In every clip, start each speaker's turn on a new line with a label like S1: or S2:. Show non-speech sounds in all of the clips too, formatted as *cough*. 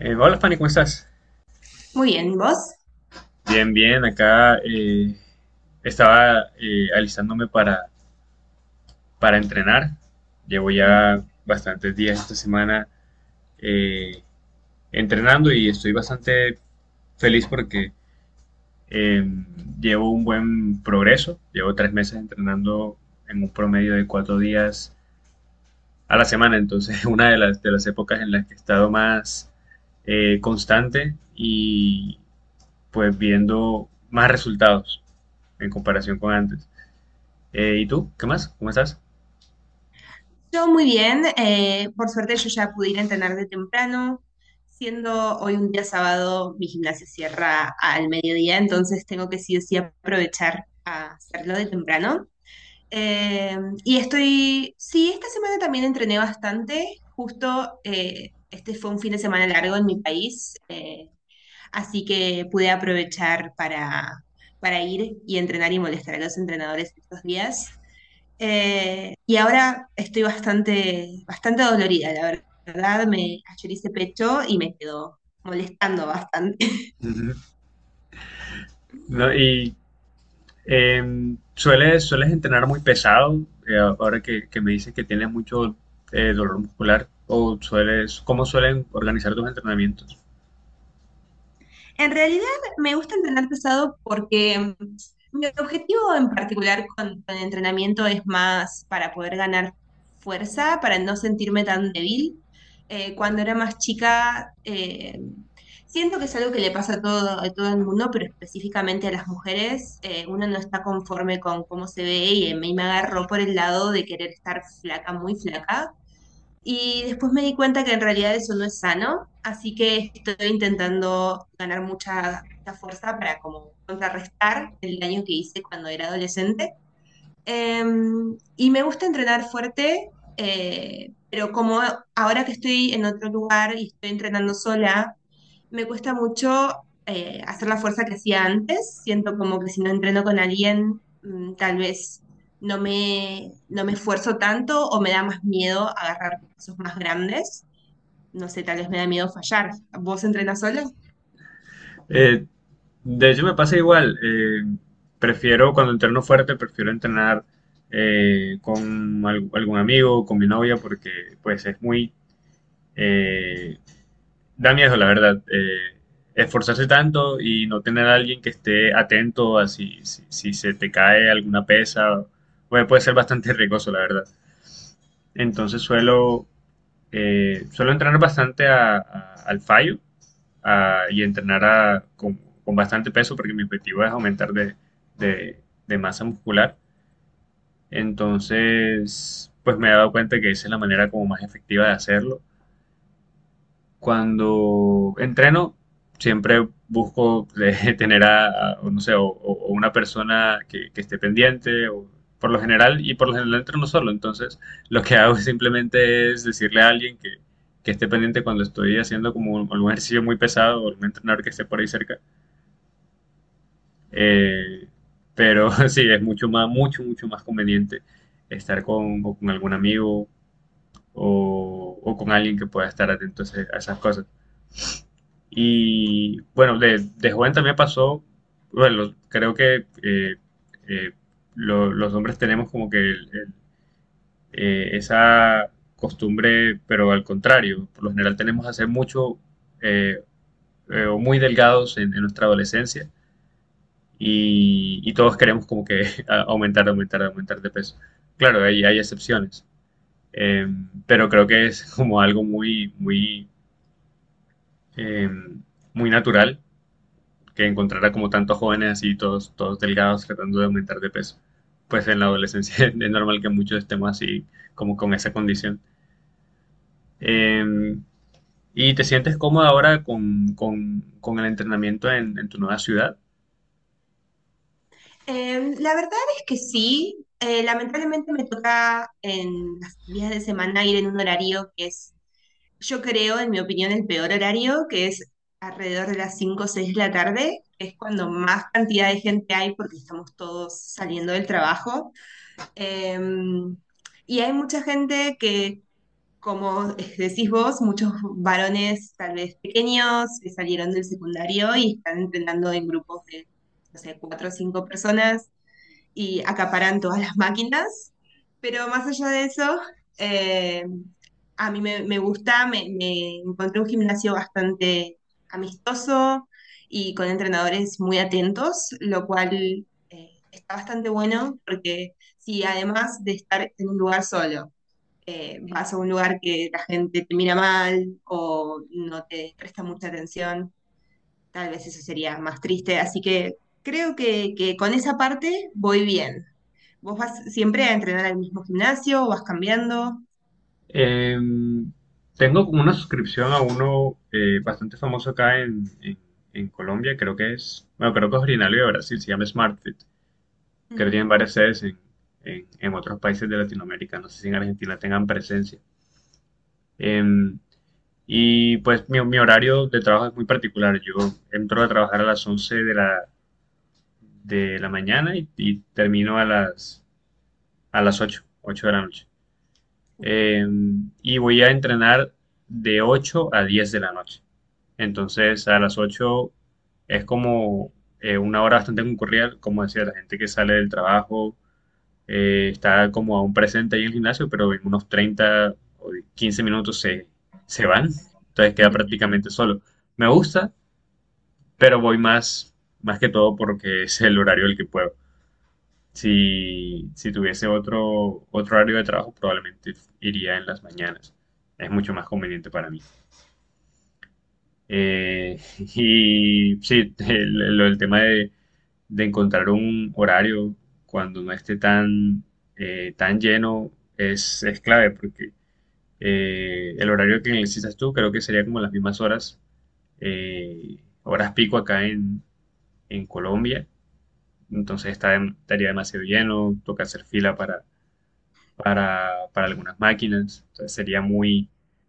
S1: Hola Fanny, ¿cómo estás?
S2: Muy bien, ¿vos?
S1: Bien, bien, acá estaba alistándome para entrenar. Llevo ya bastantes días esta semana eh, entrenando y estoy bastante feliz porque eh, llevo un buen progreso. Llevo 3 meses entrenando en un promedio de 4 días a la semana, entonces *laughs* una de de las épocas en las que he estado más constante y pues viendo más resultados en comparación con antes. ¿Y tú? ¿Qué más? ¿Cómo estás?
S2: Yo muy bien, por suerte yo ya pude ir a entrenar de temprano, siendo hoy un día sábado, mi gimnasia cierra al mediodía, entonces tengo que sí o sí aprovechar a hacerlo de temprano. Eh, y estoy, sí, esta semana también entrené bastante, justo este fue un fin de semana largo en mi país, así que pude aprovechar para ir y entrenar y molestar a los entrenadores estos días. Y ahora estoy bastante dolorida, la verdad. Me cayó ese pecho y me quedó molestando bastante.
S1: Ujú. No, y ¿sueles, sueles entrenar muy pesado? Ahora que me dices que tienes mucho dolor muscular, o sueles, ¿cómo suelen organizar tus entrenamientos?
S2: En realidad me gusta entrenar pesado porque mi objetivo en particular con el entrenamiento es más para poder ganar fuerza, para no sentirme tan débil. Cuando era más chica, siento que es algo que le pasa a todo el mundo, pero específicamente a las mujeres. Uno no está conforme con cómo se ve y a mí me agarró por el lado de querer estar flaca, muy flaca y después me di cuenta que en realidad eso no es sano, así que estoy intentando ganar mucha fuerza para como contrarrestar el daño que hice cuando era adolescente. Y me gusta entrenar fuerte, pero como ahora que estoy en otro lugar y estoy entrenando sola, me cuesta mucho hacer la fuerza que hacía antes. Siento como que si no entreno con alguien, tal vez no me esfuerzo tanto o me da más miedo agarrar pesos más grandes. No sé, tal vez me da miedo fallar. ¿Vos entrenas sola?
S1: Eh, de hecho, me pasa igual. Prefiero, cuando entreno fuerte, prefiero entrenar con algún amigo, con mi novia, porque pues es muy, eh, da miedo, la verdad. Esforzarse tanto y no tener a alguien que esté atento a si se te cae alguna pesa, puede ser bastante riesgoso, la verdad. Entonces suelo entrenar bastante al fallo y entrenar con bastante peso porque mi objetivo es aumentar de- de masa muscular. Entonces, pues me he dado cuenta que esa es la manera como más efectiva de hacerlo cuando entreno, siempre busco *laughs* de tener o no sé, o una persona que esté pendiente, o por lo general, y por lo general entreno solo. Entonces, lo que hago *laughs* simplemente es decirle a alguien que esté pendiente cuando estoy haciendo como algún ejercicio muy pesado o algún entrenador que esté por ahí cerca. Eh, pero *laughs* sí, es mucho mucho más conveniente estar con, o con algún amigo o con alguien que pueda estar atento a a esas cosas. Y bueno, de joven también pasó, bueno, creo que eh, los hombres tenemos como que esa costumbre, pero al contrario, por lo general tenemos a ser mucho eh, o muy delgados en nuestra adolescencia y todos queremos como que *laughs* aumentar de peso. Claro, hay excepciones, eh, pero creo que es como algo eh, muy natural que encontrara como tantos jóvenes así, todos delgados, tratando de aumentar de peso. Pues en la adolescencia *laughs* es normal que muchos estemos así, como con esa condición. Eh, ¿Y te sientes cómoda ahora con el entrenamiento en tu nueva ciudad?
S2: La verdad es que sí. Lamentablemente me toca en los días de semana ir en un horario que es, yo creo, en mi opinión, el peor horario, que es alrededor de las 5 o 6 de la tarde, que es cuando más cantidad de gente hay porque estamos todos saliendo del trabajo. Em, y hay mucha gente que, como *laughs* decís vos, muchos varones tal vez pequeños que salieron del secundario y están entrenando en grupos de, no sé, cuatro o cinco personas y acaparan todas las máquinas, pero más allá de eso, eh, a mí me gusta, me encontré un gimnasio bastante amistoso y con entrenadores muy atentos, lo cual está bastante bueno porque si además de estar en un lugar solo, vas a un lugar que la gente te mira mal o no te presta mucha atención, tal vez eso sería más triste. Así que creo que con esa parte voy bien. ¿Vos vas siempre a entrenar al mismo gimnasio o vas cambiando?
S1: Eh, Tengo como una suscripción a uno bastante famoso acá en Colombia, creo que es, bueno, creo que es originario de Brasil, se llama SmartFit, que tienen
S2: Mm.
S1: varias sedes en otros países de Latinoamérica, no sé si en Argentina tengan presencia. Em, Y pues mi horario de trabajo es muy particular. Yo entro a trabajar a las 11 de de la mañana y termino a a las ocho de la noche. Eh, y voy a entrenar de 8 a 10 de la noche. Entonces a las 8 es como una hora bastante concurrida, como decía, la gente que sale del trabajo está como aún presente ahí en el gimnasio, pero en unos 30 o 15 minutos se van, entonces queda
S2: *laughs*
S1: prácticamente solo. Me gusta, pero voy más, más que todo porque es el horario del que puedo. Si, si tuviese otro, otro horario de trabajo, probablemente iría en las mañanas. Es mucho más conveniente para mí. *laughs* Y sí, el tema de encontrar un horario cuando no esté tan lleno es clave porque el horario que necesitas tú creo que sería como las mismas eh, horas pico acá en Colombia, entonces está, estaría demasiado lleno, toca hacer fila para algunas máquinas, entonces sería muy,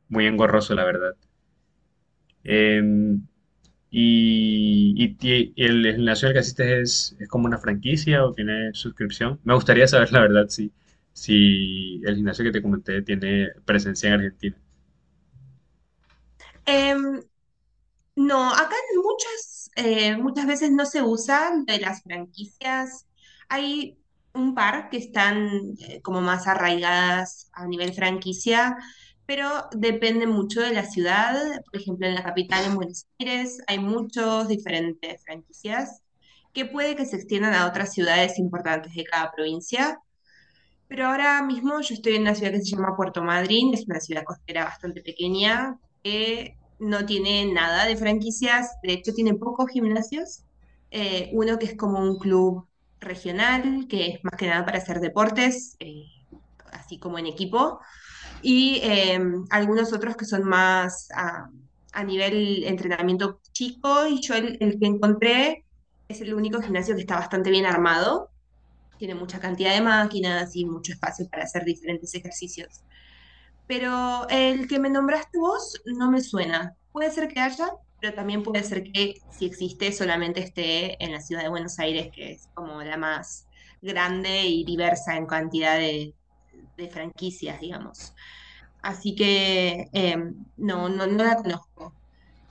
S1: muy engorroso, la verdad. Eh, y, y el gimnasio al que asistes es como una franquicia o tiene suscripción. Me gustaría saber, la verdad, si, si el gimnasio que te comenté tiene presencia en Argentina.
S2: Em, no, acá en muchas, muchas veces no se usan de las franquicias. Hay un par que están como más arraigadas a nivel franquicia, pero depende mucho de la ciudad. Por ejemplo, en la capital, en Buenos Aires, hay muchos diferentes franquicias que puede que se extiendan a otras ciudades importantes de cada provincia. Pero ahora mismo yo estoy en una ciudad que se llama Puerto Madryn, es una ciudad costera bastante pequeña que no tiene nada de franquicias, de hecho tiene pocos gimnasios, uno que es como un club regional, que es más que nada para hacer deportes, así como en equipo, y algunos otros que son más a nivel entrenamiento chico, y yo el que encontré es el único gimnasio que está bastante bien armado, tiene mucha cantidad de máquinas y mucho espacio para hacer diferentes ejercicios. Pero el que me nombraste vos no me suena. Puede ser que haya, pero también puede ser que si existe solamente esté en la ciudad de Buenos Aires, que es como la más grande y diversa en cantidad de franquicias, digamos. Así que no, no, no la conozco.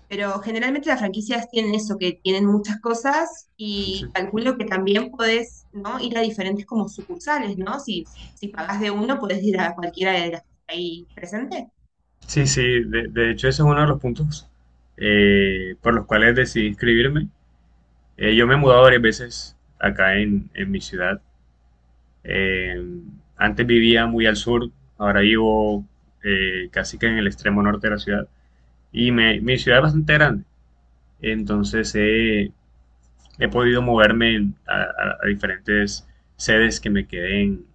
S2: Pero generalmente las franquicias tienen eso, que tienen muchas cosas y
S1: *laughs*
S2: calculo que también podés, ¿no? ir a diferentes como sucursales, ¿no? Si, si pagás de uno, podés ir a cualquiera de las que está ahí presente.
S1: Sí, sí, de hecho ese es uno de los puntos por los cuales decidí inscribirme. Yo me he mudado varias veces acá en mi ciudad. Eh, Antes vivía muy al sur, ahora vivo casi que en el extremo norte de la ciudad. Y mi ciudad es bastante grande, entonces he podido moverme a diferentes sedes que me queden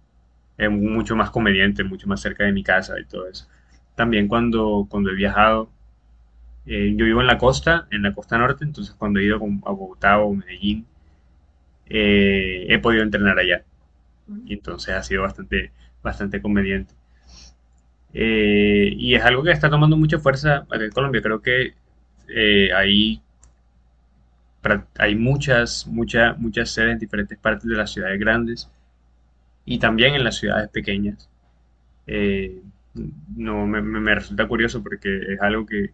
S1: mucho más convenientes, mucho más cerca de mi casa y todo eso. También cuando he viajado, yo vivo en la costa norte, entonces cuando he ido a Bogotá o Medellín, he podido entrenar allá. Y
S2: Mm.
S1: entonces ha sido bastante, bastante conveniente. Y es algo que está tomando mucha fuerza acá en Colombia. Creo que eh, hay, hay muchas sedes en diferentes partes de las ciudades grandes y también en las ciudades pequeñas. Eh, no, me resulta curioso porque es algo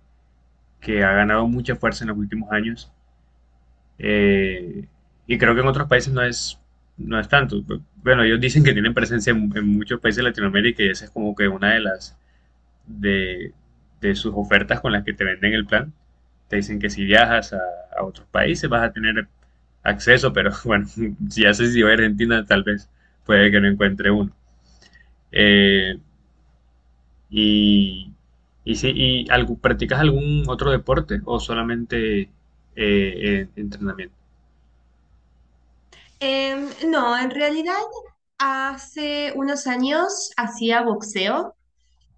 S1: que ha ganado mucha fuerza en los últimos años. Eh, y creo que en otros países no no es tanto. Bueno, ellos dicen que tienen presencia en muchos países de Latinoamérica y esa es como que una de las de, de sus ofertas con las que te venden el plan. Te dicen que si viajas a otros países vas a tener acceso, pero bueno, *laughs* si haces si voy a Argentina, tal vez puede que no encuentre uno. Eh, y, y, si, y algo, ¿Practicas algún otro deporte o solamente entrenamiento?
S2: No, en realidad hace unos años hacía boxeo.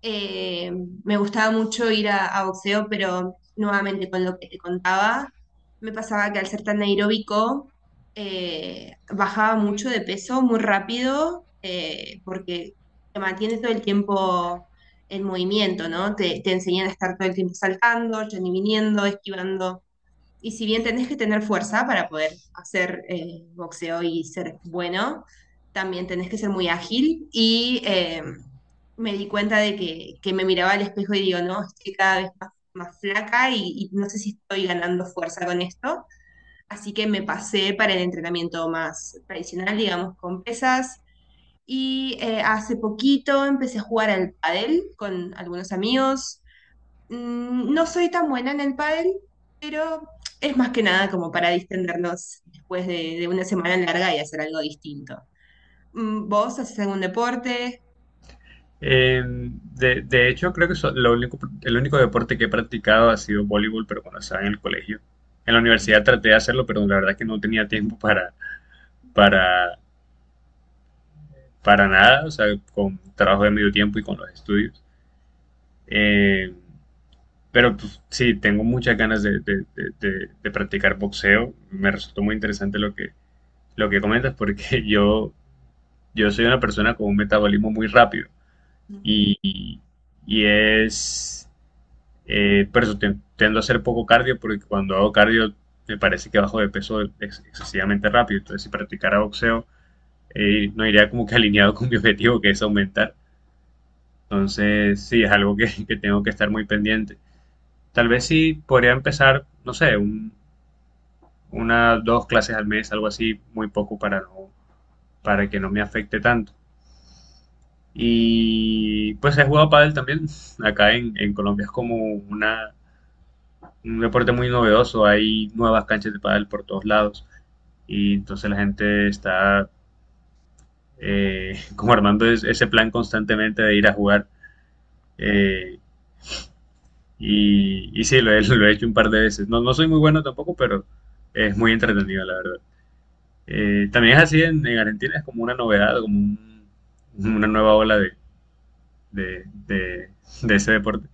S2: Eh, Me gustaba mucho ir a boxeo, pero nuevamente con lo que te contaba, me pasaba que al ser tan aeróbico, bajaba mucho de peso muy rápido, porque te mantienes todo el tiempo en movimiento, ¿no? Te enseñan a estar todo el tiempo saltando, yendo y viniendo, esquivando, y si bien tenés que tener fuerza para poder hacer boxeo y ser bueno, también tenés que ser muy ágil. Y me di cuenta de que, me miraba al espejo y digo, no, estoy cada vez más, más flaca y no sé si estoy ganando fuerza con esto. Así que me pasé para el entrenamiento más tradicional, digamos, con pesas. Y hace poquito empecé a jugar al pádel con algunos amigos. Mm. No soy tan buena en el pádel, pero es más que nada como para distendernos después de una semana larga y hacer algo distinto. Mm, ¿vos haces algún deporte?
S1: De hecho, creo que lo único, el único deporte que he practicado ha sido voleibol, pero cuando estaba en el colegio. En la universidad traté de hacerlo, pero la verdad que no tenía tiempo para, para nada, o sea, con trabajo de medio tiempo y con los estudios. Eh, pero pues, sí, tengo muchas ganas de practicar boxeo. Me resultó muy interesante lo lo que comentas porque *laughs* yo soy una persona con un metabolismo muy rápido
S2: Mm.
S1: y, y y es... por eso tiendo a hacer poco cardio porque cuando hago cardio me parece que bajo de peso ex excesivamente rápido. Entonces si practicara boxeo no iría como que *laughs* alineado con mi objetivo que es aumentar. Entonces, sí, es algo *laughs* que tengo que estar muy pendiente. Tal vez sí podría empezar, no sé, 1, 2 clases al mes, algo así, muy poco para no, para que no me afecte tanto. Y pues he jugado pádel también. *laughs* Acá en Colombia es como un deporte muy novedoso. Hay nuevas canchas de pádel por todos lados. Y entonces la gente está *laughs* como armando ese plan constantemente de ir a jugar. Eh, y sí, lo he, *laughs* lo he hecho un par de veces. No, no soy muy bueno tampoco, pero es muy entretenido, la verdad. También es así en Argentina, es como una novedad, como una nueva ola de, de- de ese deporte.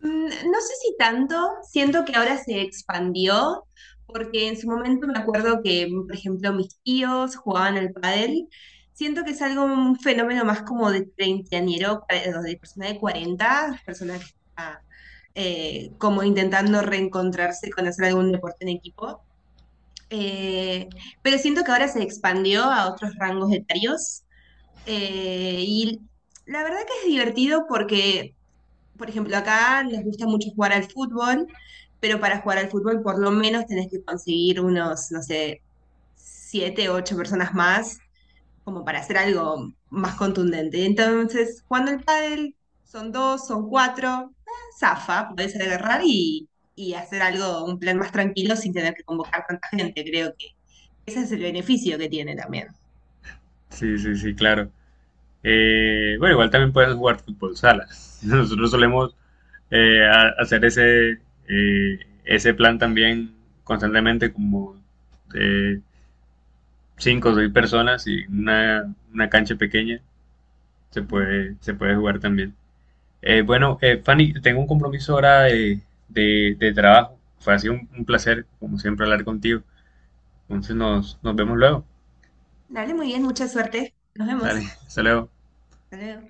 S2: Mm. No sé si tanto, siento que ahora se expandió, porque en su momento me acuerdo que, por ejemplo, mis tíos jugaban al pádel. Siento que es algo, un fenómeno más como de treintañero, de persona de cuarenta, persona que está como intentando reencontrarse con hacer algún deporte en equipo. Eh, pero siento que ahora se expandió a otros rangos etarios. Y la verdad que es divertido porque por ejemplo, acá nos gusta mucho jugar al fútbol, pero para jugar al fútbol por lo menos tenés que conseguir unos, no sé, 7, 8 personas más, como para hacer algo más contundente. Entonces, jugando el pádel, son dos, son cuatro, zafa, podés agarrar y hacer algo, un plan más tranquilo sin tener que convocar tanta gente. Creo que ese es el beneficio que tiene también.
S1: Sí, sí, sí, claro. Bueno, igual también puedes jugar fútbol sala. *laughs* Nosotros solemos hacer eh, ese plan también constantemente, como eh, 5 o 6 personas y una cancha pequeña
S2: Mm.
S1: se puede jugar también. Bueno, Fanny, tengo un compromiso ahora de trabajo. Fue así un placer, como siempre, hablar contigo. Entonces nos, nos vemos luego.
S2: Dale, muy bien, mucha suerte. Nos
S1: Dale,
S2: vemos.
S1: *laughs* hasta luego.
S2: Hasta luego.